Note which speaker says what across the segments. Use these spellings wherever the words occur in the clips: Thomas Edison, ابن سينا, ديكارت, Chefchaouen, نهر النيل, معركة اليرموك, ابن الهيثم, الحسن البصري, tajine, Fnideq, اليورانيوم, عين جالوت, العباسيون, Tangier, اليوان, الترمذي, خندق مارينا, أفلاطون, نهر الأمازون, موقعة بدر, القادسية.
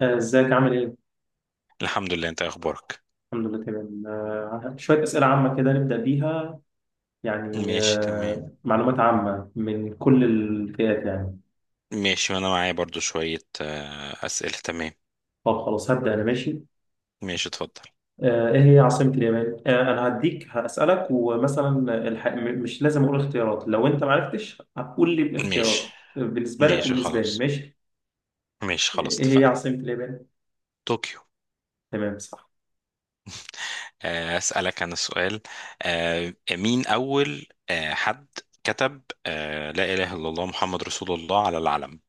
Speaker 1: ازيك عامل ايه؟
Speaker 2: الحمد لله، انت ايه اخبارك؟
Speaker 1: الحمد لله تمام. شوية أسئلة عامة كده نبدأ بيها. يعني
Speaker 2: ماشي تمام.
Speaker 1: معلومات عامة من كل الفئات يعني.
Speaker 2: ماشي، وانا معايا برضو شوية اسئلة. تمام.
Speaker 1: طب خلاص، هبدأ أنا ماشي.
Speaker 2: ماشي اتفضل.
Speaker 1: إيه هي عاصمة اليابان؟ أنا هديك هسألك ومثلا. مش لازم أقول اختيارات، لو أنت معرفتش هتقول لي الاختيارات
Speaker 2: ماشي
Speaker 1: بالنسبة لك
Speaker 2: ماشي
Speaker 1: وبالنسبة لي،
Speaker 2: خلاص.
Speaker 1: ماشي؟
Speaker 2: ماشي خلاص
Speaker 1: إيه هي
Speaker 2: اتفقنا.
Speaker 1: عاصمة اليابان؟
Speaker 2: طوكيو.
Speaker 1: تمام، صح.
Speaker 2: اسألك انا سؤال. مين اول حد كتب لا اله الا الله محمد رسول الله على العلم؟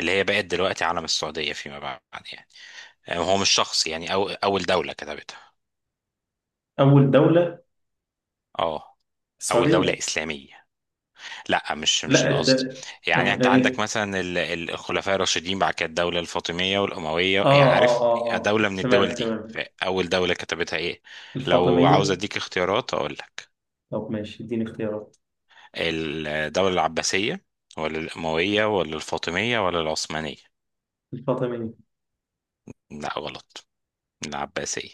Speaker 2: اللي هي بقت دلوقتي علم السعودية فيما بعد يعني. هو مش شخص يعني اول دولة كتبتها.
Speaker 1: أول دولة،
Speaker 2: اه. اول دولة
Speaker 1: السعودية.
Speaker 2: اسلامية؟ لا مش مش
Speaker 1: لا،
Speaker 2: القصد. يعني انت عندك
Speaker 1: إيه؟
Speaker 2: مثلا الخلفاء الراشدين، بعد كده الدوله الفاطميه والامويه، يعني عارف، دوله من الدول
Speaker 1: تمام،
Speaker 2: دي،
Speaker 1: تمام.
Speaker 2: فاول دوله كتبتها ايه؟ لو عاوز
Speaker 1: الفاطمية.
Speaker 2: اديك اختيارات اقول لك.
Speaker 1: طب ماشي، اديني اختيارات.
Speaker 2: الدوله العباسيه، ولا الامويه، ولا الفاطميه، ولا العثمانيه.
Speaker 1: الفاطمية.
Speaker 2: لا غلط. العباسيه.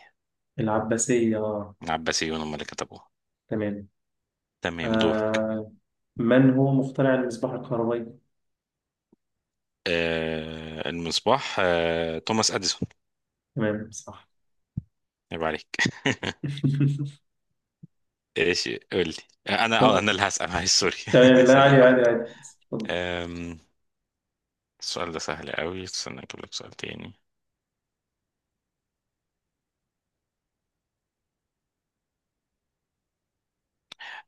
Speaker 1: العباسية،
Speaker 2: العباسيون هم اللي كتبوها.
Speaker 1: تمام.
Speaker 2: تمام دورك.
Speaker 1: آه من هو مخترع المصباح الكهربائي؟
Speaker 2: آه المصباح، آه توماس اديسون.
Speaker 1: تمام، صح.
Speaker 2: يبقى عليك. ايش قولي. انا اه
Speaker 1: طب،
Speaker 2: انا اللي هسأل، معلش سوري.
Speaker 1: تمام، لا، عادي
Speaker 2: ثانية
Speaker 1: عادي
Speaker 2: واحدة.
Speaker 1: عادي، اتفضل.
Speaker 2: أم... السؤال ده سهل قوي، استنى اجيب لك سؤال تاني.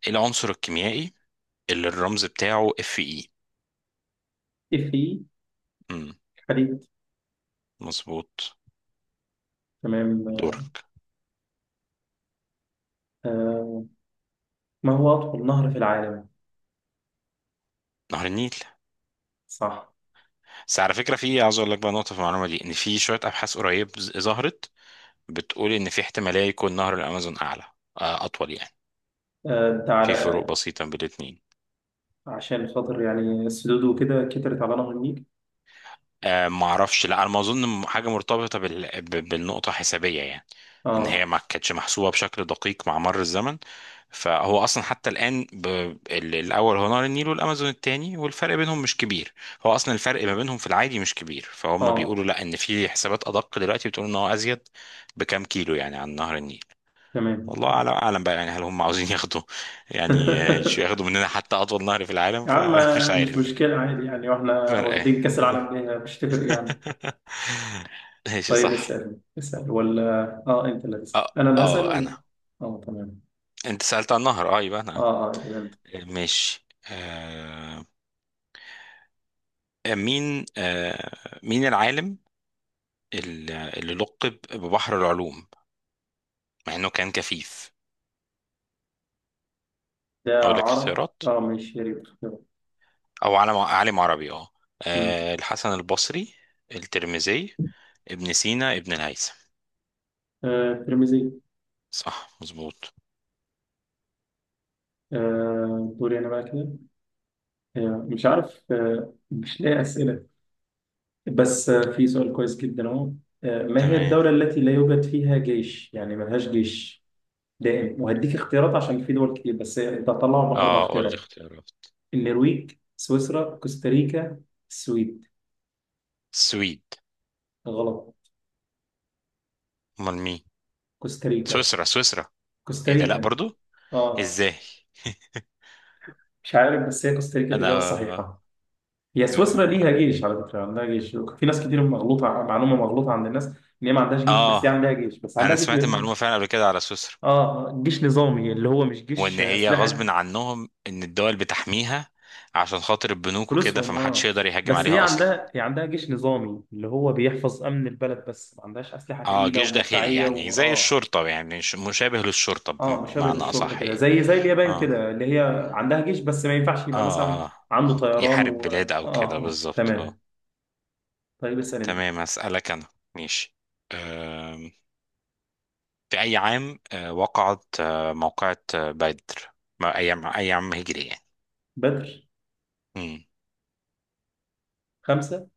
Speaker 2: ايه العنصر الكيميائي اللي الرمز بتاعه اف اي؟
Speaker 1: ايه،
Speaker 2: امم
Speaker 1: في حديد.
Speaker 2: مظبوط.
Speaker 1: تمام.
Speaker 2: دورك.
Speaker 1: آه ما هو أطول نهر في العالم؟
Speaker 2: نهر النيل.
Speaker 1: صح.
Speaker 2: بس على فكرة في عاوز اقول لك بقى نقطة في المعلومة دي، ان في شوية ابحاث قريب ظهرت بتقول ان في احتمالية يكون نهر الامازون اعلى، اطول يعني.
Speaker 1: انت على،
Speaker 2: في فروق بسيطة بين الاتنين.
Speaker 1: عشان خاطر يعني السدود وكده كترت على نهر النيل.
Speaker 2: آه ما اعرفش، لا انا ما اظن، حاجه مرتبطه بالنقطه حسابيه يعني، ان هي
Speaker 1: اه،
Speaker 2: ما كانتش محسوبه بشكل دقيق مع مر الزمن. فهو اصلا حتى الان الاول هو نهر النيل والامازون التاني والفرق بينهم مش كبير. هو اصلا الفرق ما بينهم في العادي مش كبير، فهم
Speaker 1: اه،
Speaker 2: بيقولوا لا، ان في حسابات ادق دلوقتي بتقول ان هو ازيد بكام كيلو يعني عن نهر النيل.
Speaker 1: تمام.
Speaker 2: والله اعلم اعلم بقى، يعني هل هم عاوزين ياخدوا يعني ياخدوا مننا حتى اطول نهر في العالم،
Speaker 1: يا عم،
Speaker 2: فمش
Speaker 1: مش
Speaker 2: عارف.
Speaker 1: مشكلة، عادي يعني، واحنا
Speaker 2: فرق ايه؟
Speaker 1: واخدين كأس العالم ليه، مش تفرق يعني.
Speaker 2: ماشي
Speaker 1: طيب،
Speaker 2: صح.
Speaker 1: اسأل اسأل ولا؟ اه، انت اللي تسأل انا اللي هسأل
Speaker 2: اه
Speaker 1: ولا؟
Speaker 2: انا.
Speaker 1: اه، تمام.
Speaker 2: انت سألت عن النهر، اه يبقى انا.
Speaker 1: اه اه، يبقى انت.
Speaker 2: ماشي. آه مين، آه مين العالم اللي لقب ببحر العلوم مع انه كان كفيف؟
Speaker 1: ده
Speaker 2: اقول لك
Speaker 1: عرب،
Speaker 2: اختيارات،
Speaker 1: اه، ماشي يا ريت.
Speaker 2: او عالم، عالم عربي اه.
Speaker 1: أمم.
Speaker 2: الحسن البصري، الترمذي، ابن سينا، ابن الهيثم.
Speaker 1: ترمزي.
Speaker 2: صح مظبوط.
Speaker 1: دوري انا بقى كده. مش عارف، مش لاقي اسئلة. بس في سؤال كويس جدا اهو. ما هي
Speaker 2: تمام.
Speaker 1: الدولة التي لا يوجد فيها جيش، يعني ملهاش جيش دائم؟ وهديك اختيارات عشان في دول كتير، بس انت هتطلعهم من اربع
Speaker 2: اه قول لي
Speaker 1: اختيارات.
Speaker 2: اختيارات.
Speaker 1: النرويج، سويسرا، كوستاريكا، السويد.
Speaker 2: السويد.
Speaker 1: غلط.
Speaker 2: امال مين؟
Speaker 1: كوستاريكا.
Speaker 2: سويسرا سويسرا. ايه ده، لا
Speaker 1: كوستاريكا،
Speaker 2: برضو؟
Speaker 1: اه.
Speaker 2: ازاي؟
Speaker 1: مش عارف، بس هي كوستاريكا الإجابة
Speaker 2: انا،
Speaker 1: الصحيحة. هي سويسرا ليها جيش على فكرة، عندها جيش، في ناس كتير مغلوطة، معلومة مغلوطة عند الناس إن هي ما عندهاش جيش، بس هي
Speaker 2: اه
Speaker 1: عندها جيش، بس
Speaker 2: انا
Speaker 1: عندها جيش
Speaker 2: سمعت المعلومه فعلا قبل كده على سويسرا،
Speaker 1: جيش نظامي اللي هو مش
Speaker 2: وان
Speaker 1: جيش
Speaker 2: هي غصب
Speaker 1: أسلحة.
Speaker 2: عنهم ان الدول بتحميها عشان خاطر البنوك وكده،
Speaker 1: فلوسهم، اه.
Speaker 2: فمحدش يقدر يهاجم
Speaker 1: بس هي
Speaker 2: عليها اصلا.
Speaker 1: عندها، جيش نظامي اللي هو بيحفظ أمن البلد، بس ما عندهاش أسلحة
Speaker 2: اه
Speaker 1: تقيلة
Speaker 2: جيش داخلي
Speaker 1: ومدفعية
Speaker 2: يعني
Speaker 1: واه
Speaker 2: زي
Speaker 1: اه
Speaker 2: الشرطه، يعني مشابه للشرطه
Speaker 1: مشابه
Speaker 2: بمعنى
Speaker 1: للشرطة
Speaker 2: اصح
Speaker 1: كده،
Speaker 2: يعني.
Speaker 1: زي اليابان
Speaker 2: اه
Speaker 1: كده، اللي هي عندها جيش بس ما ينفعش يبقى مثلا
Speaker 2: اه،
Speaker 1: عنده طيران
Speaker 2: يحارب
Speaker 1: و... اه
Speaker 2: بلاد او كده، بالظبط اه.
Speaker 1: تمام. طيب، اسأل انت.
Speaker 2: تمام هسألك انا. ماشي. آم، في اي عام وقعت موقعة بدر؟ ايام ايام هجري
Speaker 1: بدر،
Speaker 2: يعني.
Speaker 1: خمسة.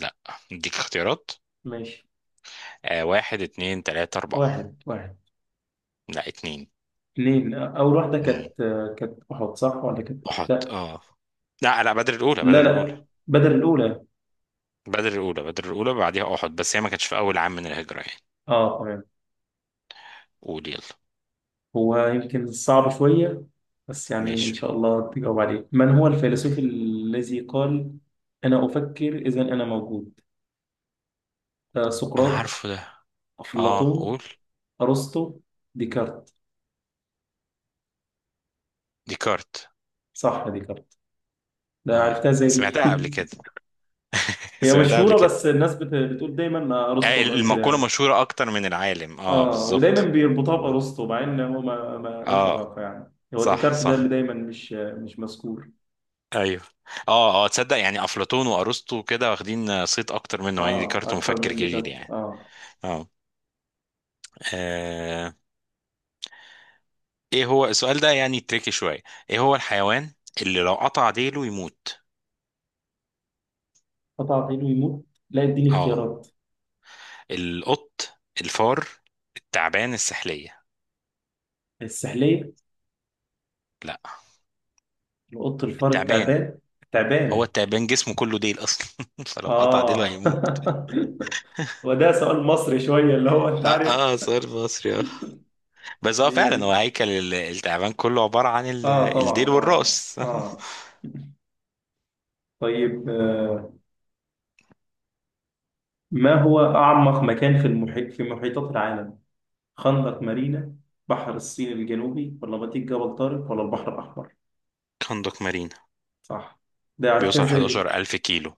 Speaker 2: لا اديك اختيارات.
Speaker 1: ماشي.
Speaker 2: آه واحد، اتنين، تلاتة، أربعة.
Speaker 1: واحد، واحد،
Speaker 2: لا اتنين.
Speaker 1: اثنين. أول واحدة
Speaker 2: مم.
Speaker 1: كانت، كانت أحد صح ولا كانت،
Speaker 2: أحد
Speaker 1: لا.
Speaker 2: اه. لا لا، بدر الأولى،
Speaker 1: لا
Speaker 2: بدر الأولى
Speaker 1: لا، بدر الأولى.
Speaker 2: بدر الأولى بدر الأولى بعديها أحد، بس هي ما كانتش في أول عام من الهجرة يعني.
Speaker 1: اه، تمام.
Speaker 2: قول يلا.
Speaker 1: هو يمكن صعب شوية، بس يعني إن
Speaker 2: ماشي.
Speaker 1: شاء الله تجاوب عليه. من هو الفيلسوف الذي قال أنا أفكر إذا أنا موجود؟
Speaker 2: أنا
Speaker 1: سقراط،
Speaker 2: عارفه ده. اه
Speaker 1: أفلاطون،
Speaker 2: قول.
Speaker 1: أرسطو، ديكارت.
Speaker 2: ديكارت.
Speaker 1: صح، ديكارت. ده
Speaker 2: اه
Speaker 1: عرفتها زي دي
Speaker 2: سمعتها قبل كده.
Speaker 1: هي
Speaker 2: سمعتها قبل
Speaker 1: مشهورة،
Speaker 2: كده.
Speaker 1: بس الناس بتقول دايما أرسطو اللي قال كده
Speaker 2: المقولة
Speaker 1: يعني.
Speaker 2: مشهورة أكتر من العالم، اه
Speaker 1: اه، ودايما
Speaker 2: بالظبط.
Speaker 1: بيربطوها بارسطو مع ان هو ما لوش
Speaker 2: اه
Speaker 1: علاقه يعني، هو
Speaker 2: صح
Speaker 1: ديكارت ده اللي
Speaker 2: صح.
Speaker 1: دايما مش مذكور.
Speaker 2: ايوه. اه اه، تصدق يعني افلاطون وارسطو كده واخدين صيت اكتر منه يعني،
Speaker 1: اه،
Speaker 2: ديكارت
Speaker 1: اكتر
Speaker 2: مفكر
Speaker 1: من
Speaker 2: كبير
Speaker 1: ديكارت،
Speaker 2: يعني.
Speaker 1: اه.
Speaker 2: اه. آه، ايه هو السؤال ده يعني، تريكي شويه. ايه هو الحيوان اللي لو قطع ديله يموت؟
Speaker 1: قطع عينه يموت؟ لا، اديني
Speaker 2: اه،
Speaker 1: اختيارات.
Speaker 2: القط، الفار، التعبان، السحليه.
Speaker 1: السحليه.
Speaker 2: لا.
Speaker 1: القط، الفار،
Speaker 2: التعبان.
Speaker 1: التعبان.
Speaker 2: هو
Speaker 1: التعبان.
Speaker 2: التعبان جسمه كله ديل اصلا فلو قطع ديله
Speaker 1: اه
Speaker 2: هيموت.
Speaker 1: وده سؤال مصري شويه، اللي هو انت
Speaker 2: اه,
Speaker 1: عارف
Speaker 2: آه صار مصري اه. بس هو
Speaker 1: يعني
Speaker 2: فعلا هو
Speaker 1: إيه؟
Speaker 2: هيكل التعبان كله عباره عن
Speaker 1: اه طبعا،
Speaker 2: الديل
Speaker 1: طبعا،
Speaker 2: والراس.
Speaker 1: اه. طيب ما هو اعمق مكان في المحيط، في محيطات العالم؟ خندق مارينا، بحر الصين الجنوبي، ولا بطيق جبل طارق، ولا البحر الأحمر؟
Speaker 2: كندق مارين.
Speaker 1: صح. ده عرفتها
Speaker 2: بيوصل
Speaker 1: ازاي دي؟
Speaker 2: 11,000 كيلو.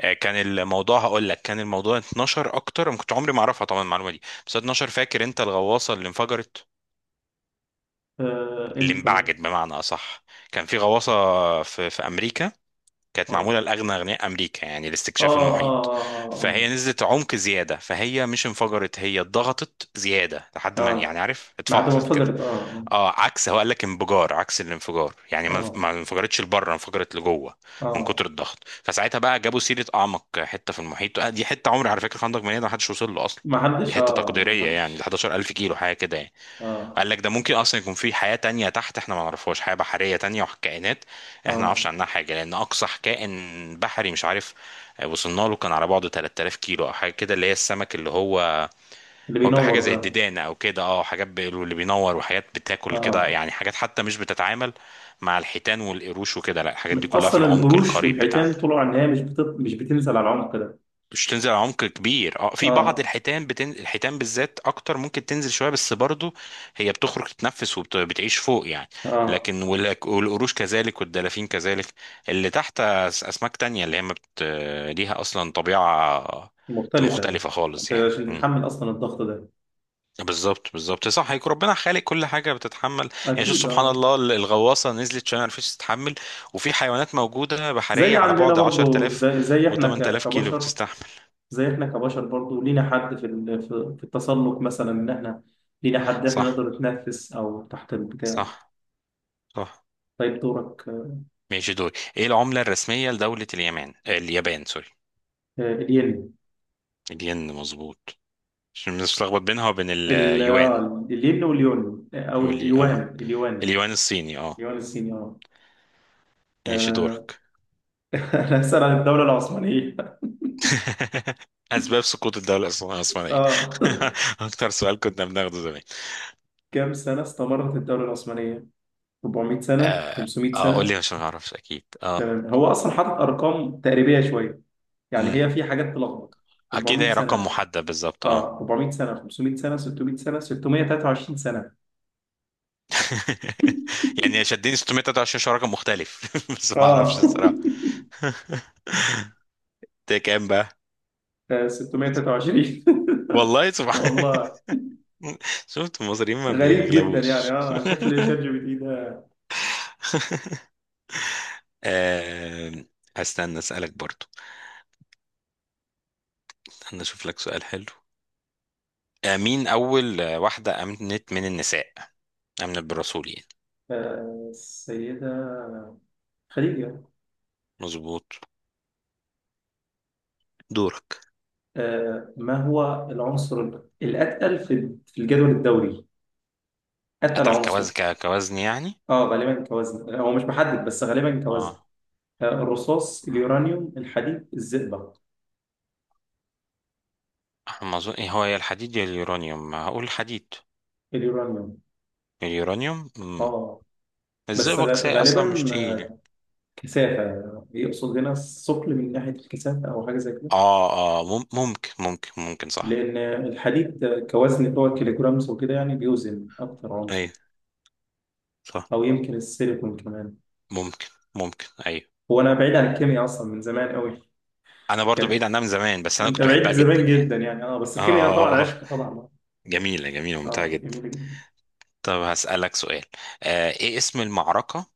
Speaker 2: كان الموضوع هقول لك، كان الموضوع 12 اكتر، انا كنت عمري ما اعرفها طبعا المعلومه دي، بس 12 فاكر انت الغواصه اللي انفجرت، اللي
Speaker 1: امتى ده؟
Speaker 2: انبعجت بمعنى اصح. كان في غواصه في امريكا، كانت
Speaker 1: اه،
Speaker 2: معمولة لأغنى أغنياء أمريكا يعني
Speaker 1: اه،
Speaker 2: لاستكشاف المحيط.
Speaker 1: اه، اه،
Speaker 2: فهي نزلت عمق زيادة، فهي مش انفجرت، هي اتضغطت زيادة
Speaker 1: اه،
Speaker 2: لحد ما،
Speaker 1: اه،
Speaker 2: يعني
Speaker 1: آه.
Speaker 2: عارف
Speaker 1: ما حد، ما
Speaker 2: اتفعصت كده.
Speaker 1: انفجرت، اه.
Speaker 2: اه عكس، هو قال لك انفجار، عكس الانفجار يعني،
Speaker 1: اه،
Speaker 2: ما
Speaker 1: اه،
Speaker 2: ما انفجرتش لبره انفجرت لجوه من
Speaker 1: آه.
Speaker 2: كتر الضغط. فساعتها بقى جابوا سيرة أعمق حتة في المحيط، دي حتة عمري على فكرة، خندق مليان، ما حدش وصل له أصلا،
Speaker 1: ما
Speaker 2: دي
Speaker 1: حدش،
Speaker 2: حتة
Speaker 1: اه، ما
Speaker 2: تقديرية يعني،
Speaker 1: حدش.
Speaker 2: 11,000 كيلو حاجة كده يعني.
Speaker 1: اه،
Speaker 2: قال لك ده ممكن اصلا يكون في حياه تانية تحت احنا ما نعرفهاش، حياه بحريه تانية وكائنات احنا ما
Speaker 1: اه،
Speaker 2: نعرفش عنها حاجه، لان اقصى كائن بحري مش عارف وصلنا له كان على بعده 3000 كيلو او حاجه كده، اللي هي السمك اللي هو،
Speaker 1: اللي
Speaker 2: هو بحاجه
Speaker 1: بينور
Speaker 2: زي
Speaker 1: ده.
Speaker 2: الديدانه او كده اه، حاجات اللي بينور وحاجات بتاكل كده
Speaker 1: اه.
Speaker 2: يعني، حاجات حتى مش بتتعامل مع الحيتان والقروش وكده، لا الحاجات دي كلها في
Speaker 1: اصلا
Speaker 2: العمق
Speaker 1: القروش
Speaker 2: القريب بتاعنا.
Speaker 1: والحيتان طلعوا ان هي مش بتنزل على العمق ده.
Speaker 2: مش تنزل على عمق كبير، اه في بعض
Speaker 1: اه،
Speaker 2: الحيتان الحيتان بالذات اكتر ممكن تنزل شويه، بس برضو هي بتخرج تتنفس وبتعيش فوق يعني.
Speaker 1: اه،
Speaker 2: لكن والقروش كذلك والدلافين كذلك. اللي تحت اسماك تانية، اللي هي ما بت...، ليها اصلا طبيعه
Speaker 1: مختلفة.
Speaker 2: مختلفه خالص
Speaker 1: انت
Speaker 2: يعني.
Speaker 1: عشان
Speaker 2: مم.
Speaker 1: تتحمل اصلا الضغط ده،
Speaker 2: بالظبط بالظبط صح، هيك ربنا خالق كل حاجه بتتحمل يعني. شوف
Speaker 1: اكيد،
Speaker 2: سبحان
Speaker 1: اه.
Speaker 2: الله، الغواصه نزلت عشان ما عرفتش تتحمل، وفي حيوانات موجوده
Speaker 1: زي
Speaker 2: بحريه على
Speaker 1: عندنا
Speaker 2: بعد
Speaker 1: برضه،
Speaker 2: 10,000
Speaker 1: زي احنا
Speaker 2: و8000 كيلو
Speaker 1: كبشر.
Speaker 2: بتستحمل.
Speaker 1: زي احنا كبشر برضه، لينا حد في ال- في في التسلق مثلا، ان احنا لينا حد احنا
Speaker 2: صح
Speaker 1: نقدر نتنفس او تحت البتاع.
Speaker 2: صح صح.
Speaker 1: طيب، دورك.
Speaker 2: ماشي دول. ايه العملة الرسمية لدولة اليمن، اليابان سوري؟
Speaker 1: الين.
Speaker 2: الين مظبوط. عشان بنتلخبط بينها وبين اليوان.
Speaker 1: الين واليون، او
Speaker 2: اه،
Speaker 1: اليوان. اليوان.
Speaker 2: اليوان الصيني اه.
Speaker 1: اليوان الصيني، اه.
Speaker 2: ماشي
Speaker 1: آه،
Speaker 2: دورك.
Speaker 1: انا هسأل عن الدولة العثمانية
Speaker 2: اسباب سقوط الدولة العثمانية.
Speaker 1: اه،
Speaker 2: اكتر سؤال كنا بناخده زمان.
Speaker 1: كم سنة استمرت الدولة العثمانية؟ 400 سنة؟
Speaker 2: اه
Speaker 1: 500
Speaker 2: قول
Speaker 1: سنة؟
Speaker 2: لي عشان ما اعرفش اكيد اه.
Speaker 1: تمام، هو اصلا حاطط ارقام تقريبية شوية، يعني
Speaker 2: امم،
Speaker 1: هي في حاجات تلخبط.
Speaker 2: اكيد
Speaker 1: 400
Speaker 2: هي رقم
Speaker 1: سنة.
Speaker 2: محدد بالظبط اه.
Speaker 1: اه، 400 سنة، 500 سنة، 600 سنة، 623 سنة.
Speaker 2: يعني شدني 623 عشان رقم مختلف، بس ما اعرفش
Speaker 1: اه
Speaker 2: الصراحة. ده كام بقى؟
Speaker 1: 623
Speaker 2: والله سبحان.
Speaker 1: والله،
Speaker 2: شفت المصريين ما
Speaker 1: غريب جدا يعني،
Speaker 2: بيغلبوش.
Speaker 1: اه، شكل شات جي بي تي ده.
Speaker 2: آه، استنى اسالك برضو، استنى اشوف لك سؤال حلو. مين اول واحده امنت من النساء، امنت بالرسول يعني؟
Speaker 1: السيدة خديجة.
Speaker 2: مظبوط. دورك.
Speaker 1: ما هو العنصر الأتقل في الجدول الدوري؟ أتقل
Speaker 2: قتل
Speaker 1: عنصر.
Speaker 2: كوزن كوزن يعني.
Speaker 1: اه، غالبا كوزن. لا، هو مش محدد، بس غالبا كوزن.
Speaker 2: اه.
Speaker 1: الرصاص،
Speaker 2: آه،
Speaker 1: اليورانيوم، الحديد، الزئبق.
Speaker 2: ما اظن، إيه هو، يا الحديد يا اليورانيوم، هقول الحديد.
Speaker 1: اليورانيوم.
Speaker 2: اليورانيوم مم.
Speaker 1: اه، بس
Speaker 2: الزئبق ساي اصلا
Speaker 1: غالبا
Speaker 2: مش تقيل.
Speaker 1: كثافة، يقصد هنا الثقل من ناحية الكثافة أو حاجة زي كده.
Speaker 2: اه اه، ممكن ممكن صح.
Speaker 1: لأن الحديد كوزن، هو الكيلوجرامز وكده، يعني بيوزن أكتر
Speaker 2: ايوه
Speaker 1: عنصر.
Speaker 2: صح.
Speaker 1: أو يمكن السيليكون كمان.
Speaker 2: ممكن ايوه.
Speaker 1: هو أنا بعيد عن الكيمياء أصلا من زمان أوي.
Speaker 2: انا برضو بعيد
Speaker 1: كان
Speaker 2: عنها من زمان، بس انا
Speaker 1: أنت
Speaker 2: كنت
Speaker 1: بعيد
Speaker 2: بحبها جدا
Speaker 1: زمان
Speaker 2: يعني.
Speaker 1: جدا يعني، أه، بس الكيمياء طبعا
Speaker 2: اه.
Speaker 1: عشق، طبعا أه.
Speaker 2: جميلة ممتعة جدا.
Speaker 1: جميلة جدا.
Speaker 2: طب هسألك سؤال. آه ايه اسم المعركة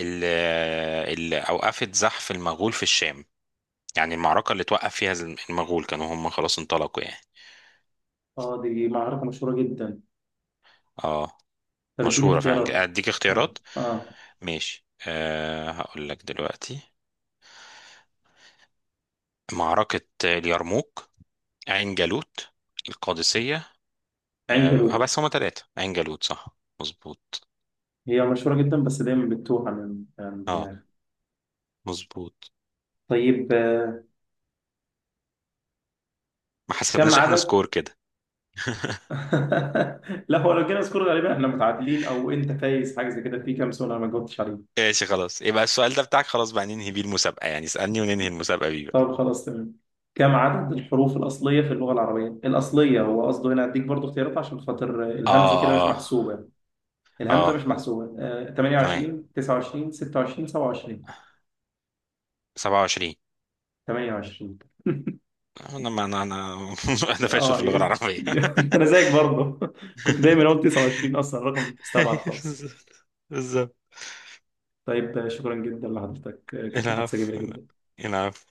Speaker 2: اللي, اللي اوقفت زحف المغول في الشام؟ يعني المعركة اللي توقف فيها المغول، كانوا هم خلاص انطلقوا يعني.
Speaker 1: أه، دي معركة مشهورة جدا.
Speaker 2: اه
Speaker 1: طب اديني
Speaker 2: مشهورة فعلا،
Speaker 1: اختيارات.
Speaker 2: اديك
Speaker 1: أه
Speaker 2: اختيارات.
Speaker 1: أه
Speaker 2: ماشي آه هقول لك دلوقتي. معركة اليرموك، عين جالوت، القادسية.
Speaker 1: عند
Speaker 2: آه
Speaker 1: الوقت.
Speaker 2: بس هما ثلاثة، عين جالوت صح مظبوط.
Speaker 1: هي مشهورة جدا، بس دايما بتتوه عن
Speaker 2: اه
Speaker 1: الدماغ.
Speaker 2: مظبوط.
Speaker 1: طيب
Speaker 2: ما
Speaker 1: كم
Speaker 2: حسبناش احنا
Speaker 1: عدد...
Speaker 2: سكور كده.
Speaker 1: لا، هو لو جينا سكور غالبا احنا متعادلين او انت فايز، حاجه زي كده، في كام سؤال انا ما جاوبتش عليه.
Speaker 2: ماشي خلاص، يبقى السؤال ده بتاعك، خلاص بقى ننهي بيه المسابقة يعني، اسألني وننهي المسابقة بيه بقى.
Speaker 1: طب خلاص، تمام. كم عدد الحروف الاصليه في اللغه العربيه؟ الاصليه هو قصده هنا. اديك برضو اختيارات عشان خاطر الهمزه كده مش
Speaker 2: اه اه
Speaker 1: محسوبه. الهمزه
Speaker 2: اه
Speaker 1: مش محسوبه.
Speaker 2: تمام.
Speaker 1: 28، 29، 26، 27.
Speaker 2: 27.
Speaker 1: 28.
Speaker 2: انا ما انا انا. انا فاشل
Speaker 1: اه،
Speaker 2: في اللغة العربية.
Speaker 1: ي- انا زيك برضو كنت دايما اقول 29، اصلا رقم مستبعد خالص.
Speaker 2: بالظبط بالظبط.
Speaker 1: طيب شكرا جدا لحضرتك، كانت محادثه جميله
Speaker 2: العفو
Speaker 1: جدا.
Speaker 2: العفو.